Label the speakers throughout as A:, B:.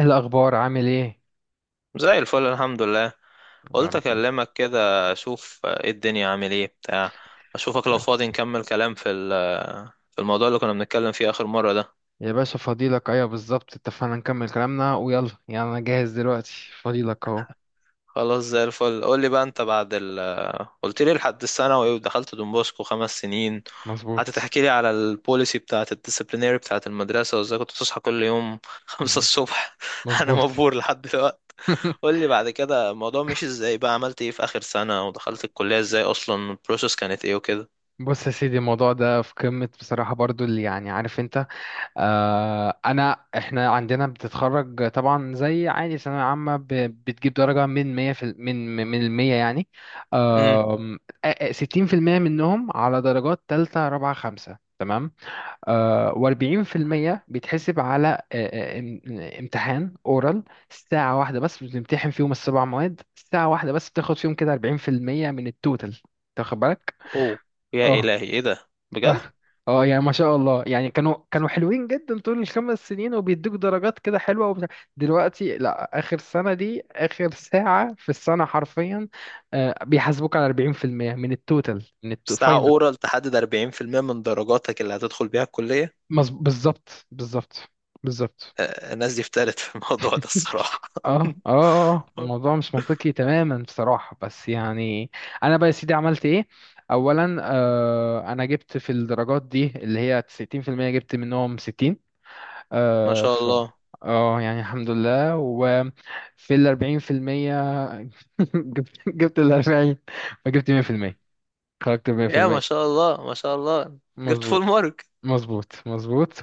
A: إيه الأخبار عامل إيه؟
B: زي الفل، الحمد لله.
A: يا
B: قلت
A: رب.
B: اكلمك كده، اشوف ايه الدنيا عامل ايه بتاع. اشوفك لو فاضي
A: كويس.
B: نكمل كلام في في الموضوع اللي كنا بنتكلم فيه اخر مرة ده.
A: يا باشا فضيلك، أيوة بالظبط، اتفقنا نكمل كلامنا ويلا يعني، أنا جاهز دلوقتي. فضيلك أهو.
B: خلاص زي الفل. قول لي بقى انت بعد قلت لي لحد الثانوي ودخلت دون بوسكو 5 سنين. قعدت
A: مظبوط.
B: تحكي لي على البوليسي بتاعة الديسيبلينيري بتاعة المدرسة، وازاي كنت بتصحى كل يوم خمسة
A: مهم.
B: الصبح انا
A: مظبوط.
B: مبهور لحد دلوقتي. قول لي بعد كده الموضوع مشي ازاي بقى، عملت ايه في اخر سنة ودخلت الكلية ازاي اصلا، البروسيس كانت ايه وكده.
A: بص يا سيدي، الموضوع ده في قمة بصراحة برضو، اللي يعني عارف انت. انا احنا عندنا بتتخرج طبعا زي عادي ثانوية عامة، بتجيب درجة من 100 في من المية يعني. آم، 60% منهم على درجات تالتة رابعة خمسة، و40% بيتحسب على امتحان اورال. ساعة واحدة بس بتمتحن فيهم السبع مواد، ساعة واحدة بس بتاخد فيهم كده 40% من التوتال. تاخد بالك؟
B: اوه، يا
A: اه،
B: الهي، ايه ده
A: اه،
B: بجد؟
A: اه. يعني ما شاء الله، يعني كانوا حلوين جدا طول الخمس سنين، وبيدوك درجات كده حلوة وبتاع. دلوقتي لا، آخر سنة دي آخر ساعة في السنة حرفيا. بيحاسبوك على 40% من التوتال من
B: ساعة
A: الفاينل.
B: اورال تحدد 40% من درجاتك اللي هتدخل بيها الكلية.
A: بالظبط، بالظبط، بالظبط.
B: الناس دي افتقدت في الموضوع ده الصراحة.
A: اه، اه، اه، آه. الموضوع مش منطقي تماما بصراحة، بس يعني انا بقى يا سيدي عملت ايه. اولا انا جبت في الدرجات دي اللي هي 90%، جبت منهم 60.
B: ما
A: آه
B: شاء
A: ف
B: الله،
A: اه يعني الحمد لله. وفي ال 40% جبت ال 40، فجبت 100%، خرجت
B: يا ما
A: 100%.
B: شاء الله ما شاء الله. جبت
A: مظبوط،
B: فول مارك؟
A: مظبوط، مظبوط.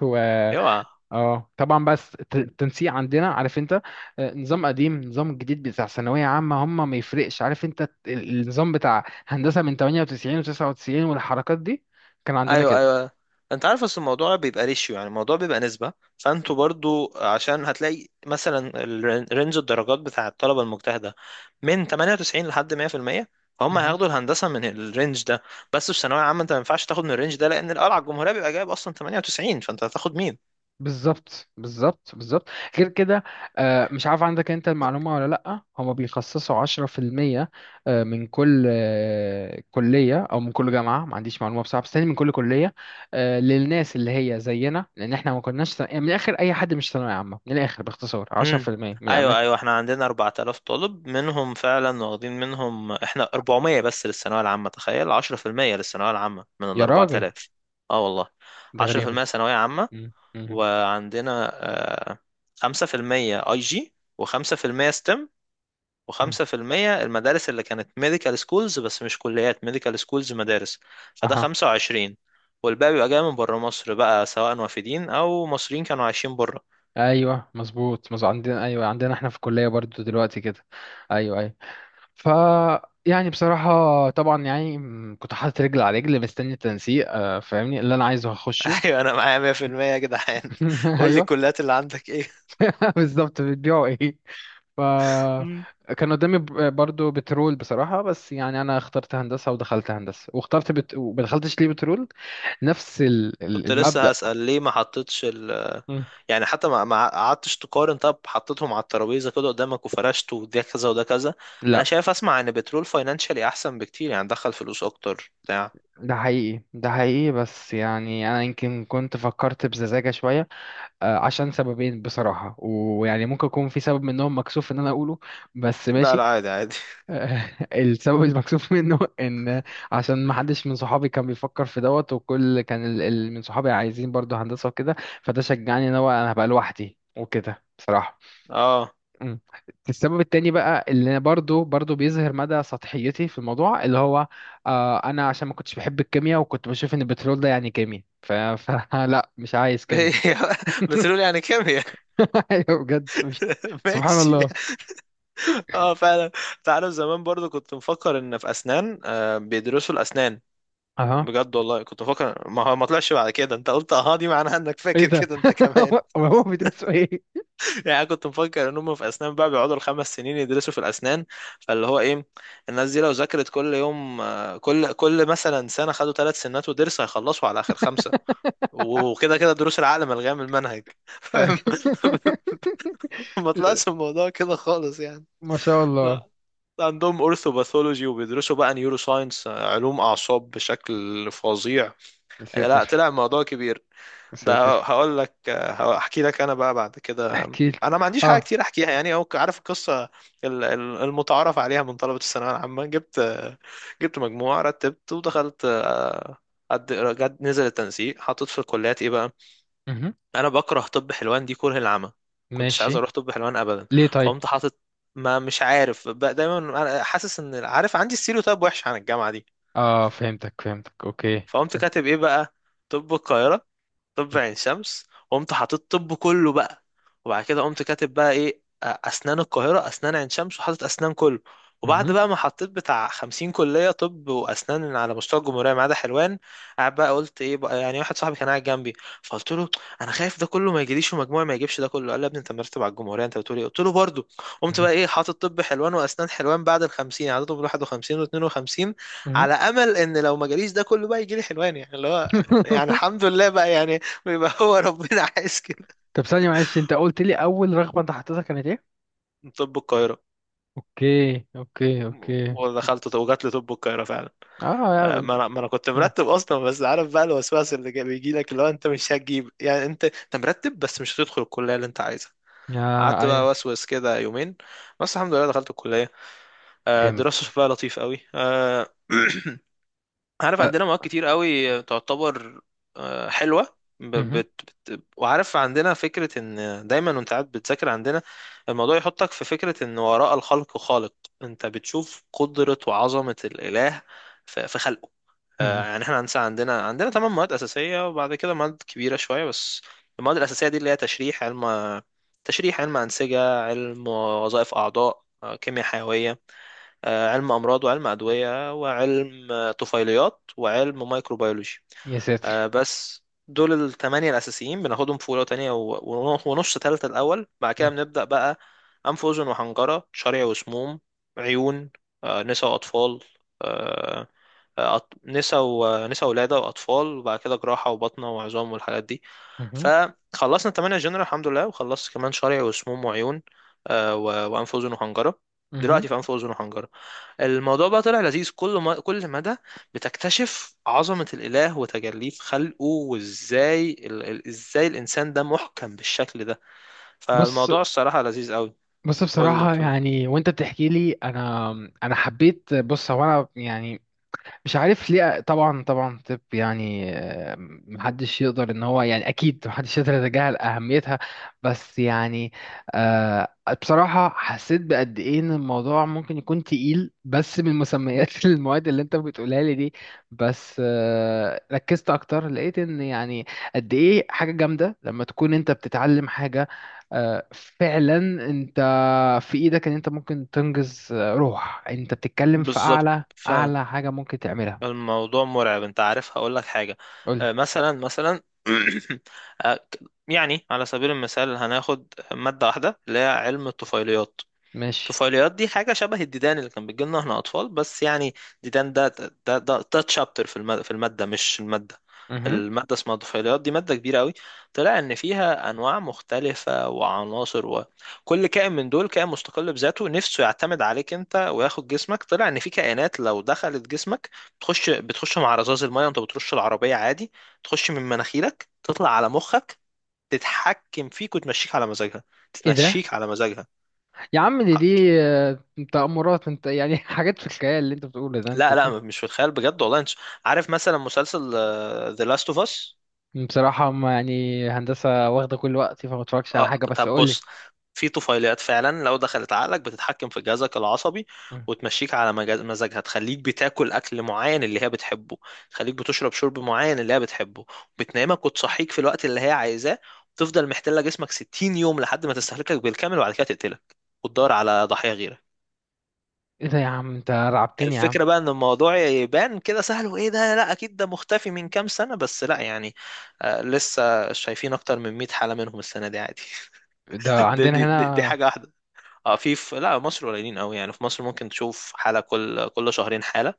B: اوعى.
A: اه طبعا، بس التنسيق عندنا عارف انت. نظام قديم نظام جديد بتاع ثانوية عامة، هم ما يفرقش. عارف انت، النظام بتاع هندسة من 98 و99 والحركات دي كان عندنا
B: ايوه
A: كده.
B: ايوه، انت عارف اصل الموضوع بيبقى ريشيو، يعني الموضوع بيبقى نسبه. فانتوا برضو، عشان هتلاقي مثلا رينج الدرجات بتاع الطلبه المجتهده من 98 لحد 100%، فهم هياخدوا الهندسه من الرينج ده. بس في ثانويه عامه، انت ما ينفعش تاخد من الرينج ده، لان القلعه الجمهوريه بيبقى جايب اصلا 98، فانت هتاخد مين؟
A: بالظبط، بالظبط، بالظبط. غير كده، مش عارف عندك انت المعلومة ولا لأ، هما بيخصصوا 10% من كل كلية، أو من كل جامعة، ما عنديش معلومة بصراحة، بس تاني من كل كلية للناس اللي هي زينا، لأن احنا ما كناش يعني من الآخر، أي حد مش ثانوية عامة، من الآخر باختصار عشرة في
B: امم
A: المية من
B: ايوه
A: الأماكن.
B: ايوه، احنا عندنا 4000 طالب، منهم فعلا واخدين منهم احنا 400 بس للثانويه العامه. تخيل 10% للثانويه العامه من ال
A: يا راجل،
B: 4000. اه والله.
A: ده غريبة.
B: 10% ثانويه عامه.
A: مم، مم،
B: وعندنا آه، 5% اي جي، وخمسة في المية ستيم،
A: مم.
B: وخمسة في المية المدارس اللي كانت ميديكال سكولز، بس مش كليات، ميديكال سكولز مدارس. فده
A: أها.
B: 25. والباقي بيبقى جاي من بره مصر بقى، سواء وافدين أو مصريين كانوا عايشين بره.
A: أيوه مظبوط مظبوط، عندنا أيوه، عندنا احنا في الكلية برضو دلوقتي كده. أيوه، أيوه. ف يعني بصراحة طبعا، يعني كنت حاطط رجل على رجل مستني التنسيق، فاهمني اللي انا عايزه هخشه.
B: أيوة أنا معايا 100% يا جدعان. قول لي
A: ايوه.
B: الكليات اللي عندك إيه؟
A: بالظبط، بتبيعوا ايه. ف كان قدامي برضو بترول بصراحة، بس يعني انا اخترت هندسة، ودخلت هندسة، واخترت وما دخلتش ليه بترول. نفس
B: كنت لسه
A: المبدأ.
B: هسأل ليه ما حطيتش
A: مم.
B: يعني، حتى ما قعدتش تقارن، طب حطيتهم على الترابيزه كده قدامك وفرشت، وده كذا وده كذا. انا
A: لا،
B: شايف، اسمع، ان بترول فاينانشالي احسن بكتير، يعني دخل فلوس اكتر بتاع.
A: ده حقيقي، ده حقيقي، بس يعني انا يمكن كنت فكرت بسذاجة شوية. عشان سببين بصراحة، ويعني ممكن يكون في سبب منهم مكسوف ان انا اقوله، بس
B: لا
A: ماشي.
B: لا، عادي عادي.
A: السبب المكسوف منه، ان عشان ما حدش من صحابي كان بيفكر في دوت، وكل كان من صحابي عايزين برضو هندسة وكده. فده شجعني ان هو انا هبقى لوحدي وكده بصراحة.
B: اه،
A: مم. السبب التاني بقى، اللي برضو بيظهر مدى سطحيتي في الموضوع، اللي هو انا عشان ما كنتش بحب الكيمياء، وكنت بشوف ان البترول ده يعني كيمياء، فلا مش عايز كيمياء.
B: بترول يعني كيمياء؟
A: ايوه بجد سبحان
B: ماشي.
A: الله.
B: اه فعلا. تعرف زمان برضو كنت مفكر ان في اسنان بيدرسوا الاسنان.
A: اها.
B: بجد والله كنت مفكر، ما هو ما طلعش بعد كده. انت قلت اه، دي معناها انك
A: ايه
B: فاكر
A: ده،
B: كده انت كمان.
A: هو بيدرسوا ايه.
B: يعني انا كنت مفكر ان هم في اسنان بقى بيقعدوا ال 5 سنين يدرسوا في الاسنان. فاللي هو ايه، الناس دي لو ذاكرت كل يوم كل مثلا سنه خدوا 3 سنات ودرس هيخلصوا على اخر خمسه. وكده كده دروس العقل ملغيه من المنهج، فاهم؟ ما طلعش الموضوع كده خالص يعني.
A: ما شاء الله.
B: لا، عندهم اورثوباثولوجي، وبيدرسوا بقى نيورو ساينس، علوم اعصاب بشكل فظيع. لا،
A: مساتر.
B: طلع الموضوع كبير. ده
A: مساتر.
B: هقول لك. هحكي لك انا بقى بعد كده.
A: احكي لي.
B: انا ما عنديش حاجه
A: اه.
B: كتير احكيها يعني، او عارف القصه. المتعارف عليها من طلبه الثانويه العامه. جبت مجموع، رتبت ودخلت، قد- جد نزل التنسيق، حطيت في الكليات ايه بقى.
A: مهم.
B: انا بكره طب حلوان دي كره العمى. كنتش عايز
A: ماشي.
B: اروح طب حلوان ابدا.
A: ليه طيب.
B: فقمت حاطط، ما مش عارف بقى، دايما أنا حاسس ان عارف عندي ستيريوتايب وحش عن الجامعه دي.
A: اه فهمتك فهمتك، اوكي.
B: فقمت كاتب ايه بقى، طب القاهره، طب عين شمس. قمت حاطط طب كله بقى. وبعد كده قمت كاتب بقى ايه، اسنان القاهرة، اسنان عين شمس، وحاطط اسنان كله. وبعد
A: مهم.
B: بقى ما حطيت بتاع 50 كلية طب وأسنان على مستوى الجمهورية ما عدا حلوان. قاعد بقى قلت إيه بقى يعني، واحد صاحبي كان قاعد جنبي، فقلت له، أنا خايف ده كله ما يجيليش، ومجموعي ما يجيبش ده كله. قال لي يا ابني أنت مرتب على الجمهورية أنت بتقول إيه؟ قلت له برضه. قمت
A: مهم.
B: بقى إيه، حاطط طب حلوان وأسنان حلوان بعد ال 50، عددهم 51 و 52،
A: مهم.
B: على أمل إن لو ما جاليش ده كله بقى يجيلي حلوان، يعني اللي هو. يعني الحمد لله بقى يعني. بيبقى هو ربنا عايز كده.
A: طب ثانية معلش، انت قلت لي اول رغبة انت حطيتها كانت ايه؟
B: طب القاهرة.
A: اوكي، اوكي، اوكي.
B: ودخلت وجات لي طب القاهرة فعلا.
A: اه يا
B: ما
A: بل...
B: انا ما انا كنت
A: مم.
B: مرتب اصلا، بس عارف بقى الوسواس اللي بيجي لك، اللي هو انت مش هتجيب، يعني انت مرتب بس مش هتدخل الكلية اللي انت عايزها.
A: يا.
B: قعدت
A: ايوه.
B: بقى وسوس كده يومين. بس الحمد لله دخلت الكلية.
A: جامد.
B: الدراسة شكلها لطيف قوي، عارف
A: أه.
B: عندنا مواد كتير قوي، تعتبر حلوة ب-
A: مهم.
B: بت بت وعارف عندنا فكرة ان دايما وانت قاعد بتذاكر عندنا، الموضوع يحطك في فكرة ان وراء الخلق خالق. انت بتشوف قدرة وعظمة الاله في خلقه.
A: مهم.
B: يعني احنا عندنا 8 مواد اساسية، وبعد كده مواد كبيرة شوية بس. المواد الاساسية دي اللي هي علم تشريح، علم انسجة، علم وظائف اعضاء، كيمياء حيوية، علم أمراض، وعلم أدوية، وعلم طفيليات، وعلم مايكروبيولوجي.
A: يا ساتر.
B: بس دول الثمانية الأساسيين بناخدهم في أولى وتانية ونص تالتة الأول، بعد كده
A: مه-
B: بنبدأ بقى أنف وأذن وحنجرة، شرع وسموم، عيون، نسا وأطفال، آه، آه، أط- نسا ونسا ولادة وأطفال، وبعد كده جراحة وبطنة وعظام والحاجات دي.
A: مه-
B: فخلصنا الثمانية جنرال الحمد لله، وخلصت كمان شرع وسموم وعيون، وأنف وأذن وحنجرة. دلوقتي
A: مه.
B: في أنف وأذن وحنجرة. الموضوع بقى طلع لذيذ، كل ما كل مدى بتكتشف عظمة الإله وتجليه في خلقه، وإزاي إزاي الإنسان ده محكم بالشكل ده.
A: بص،
B: فالموضوع الصراحة لذيذ قوي.
A: بص،
B: قول لي،
A: بصراحة
B: بتقول.
A: يعني وانت بتحكي لي انا، انا حبيت. بص، هو انا يعني مش عارف ليه. طبعا طبعا، طب يعني محدش يقدر ان هو، يعني اكيد محدش يقدر يتجاهل اهميتها، بس يعني آه، بصراحة حسيت بقد ايه ان الموضوع ممكن يكون تقيل، بس من مسميات المواد اللي انت بتقولها لي دي. بس ركزت اكتر، لقيت ان يعني قد ايه حاجة جامدة لما تكون انت بتتعلم حاجة، فعلا. انت في ايدك ان انت ممكن تنجز، روح انت بتتكلم في
B: بالظبط،
A: اعلى
B: فعلا.
A: اعلى حاجة ممكن تعملها.
B: الموضوع مرعب. أنت عارف هقول لك حاجة.
A: قولي.
B: مثلا آه، يعني على سبيل المثال هناخد مادة واحدة اللي هي علم الطفيليات.
A: ماشي.
B: طفيليات دي حاجة شبه الديدان اللي كان بيجي لنا احنا أطفال، بس يعني، ديدان ده ده تشابتر في المادة مش المادة.
A: مهم.
B: المادة اسمها طفيليات، دي مادة كبيرة قوي. طلع إن فيها أنواع مختلفة وعناصر، وكل كائن من دول كائن مستقل بذاته، نفسه يعتمد عليك أنت وياخد جسمك. طلع إن في كائنات لو دخلت جسمك، بتخش مع رذاذ المية وأنت بترش العربية عادي، تخش من مناخيرك، تطلع على مخك، تتحكم فيك وتمشيك على مزاجها.
A: ايه ده
B: تتمشيك على مزاجها.
A: يا عم، دي آه، تأمرات انت يعني، حاجات في الخيال اللي انت بتقوله ده، انت
B: لا لا، مش في الخيال. بجد والله انت عارف مثلا مسلسل The Last of Us؟
A: بصراحة هم يعني، هندسة واخدة كل وقتي، فما اتفرجش على
B: اه،
A: حاجة، بس
B: طب
A: قولي.
B: بص، في طفيليات فعلا لو دخلت عقلك، بتتحكم في جهازك العصبي،
A: مم.
B: وتمشيك على مزاجها. تخليك بتاكل اكل معين اللي هي بتحبه، تخليك بتشرب شرب معين اللي هي بتحبه، بتنامك وتصحيك في الوقت اللي هي عايزاه، وتفضل محتلة جسمك 60 يوم لحد ما تستهلكك بالكامل، وبعد كده تقتلك، وتدور على ضحية غيرك.
A: ايه ده يا عم، انت رعبتني يا عم.
B: الفكرة بقى ان الموضوع يبان كده سهل وايه ده، لا اكيد، ده مختفي من كام سنة؟ بس لا يعني، آه، لسه شايفين اكتر من 100 حالة منهم السنة دي عادي.
A: ده
B: دي,
A: عندنا
B: دي, دي, دي
A: هنا.
B: حاجة واحدة. اه، في في لا، مصر قليلين قوي، يعني في مصر ممكن تشوف حالة كل شهرين حالة،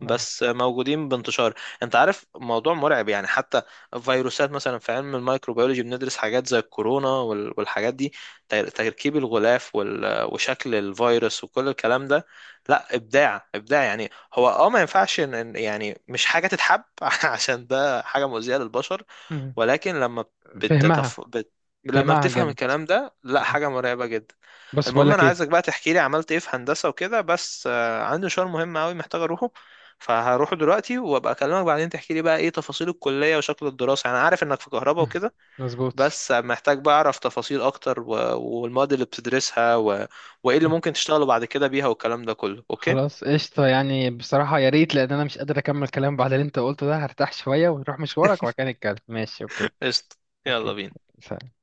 A: آه،
B: موجودين بانتشار. انت عارف، موضوع مرعب يعني، حتى فيروسات مثلا، في علم الميكروبيولوجي بندرس حاجات زي الكورونا والحاجات دي، تركيب الغلاف وشكل الفيروس وكل الكلام ده. لا، ابداع ابداع يعني هو. اه، ما ينفعش ان يعني مش حاجة تتحب، عشان ده حاجة مؤذية للبشر.
A: مم.
B: ولكن لما
A: فهمها.
B: بتتف... بت... لما
A: فهمها
B: بتفهم
A: جامد.
B: الكلام ده، لا
A: مم.
B: حاجة مرعبة جدا.
A: بس بقول
B: المهم انا
A: لك ايه.
B: عايزك بقى تحكي لي عملت ايه في هندسة وكده، بس عندي مشوار مهم قوي محتاج اروحه. فهروح دلوقتي، وابقى اكلمك بعدين تحكي لي بقى ايه تفاصيل الكلية وشكل الدراسة، انا عارف انك في كهرباء
A: مم.
B: وكده.
A: مظبوط.
B: بس محتاج بقى اعرف تفاصيل اكتر والمواد اللي بتدرسها وايه اللي
A: مم.
B: ممكن تشتغلوا بعد كده بيها والكلام ده كله، اوكي.
A: خلاص قشطة، يعني بصراحة يا ريت، لأن أنا مش قادر أكمل كلام بعد اللي أنت قلته ده. هرتاح شوية ونروح مشوارك وبعد كده نتكلم. ماشي، أوكي.
B: قشطة. يلا
A: اوكي.
B: بينا.
A: سلام.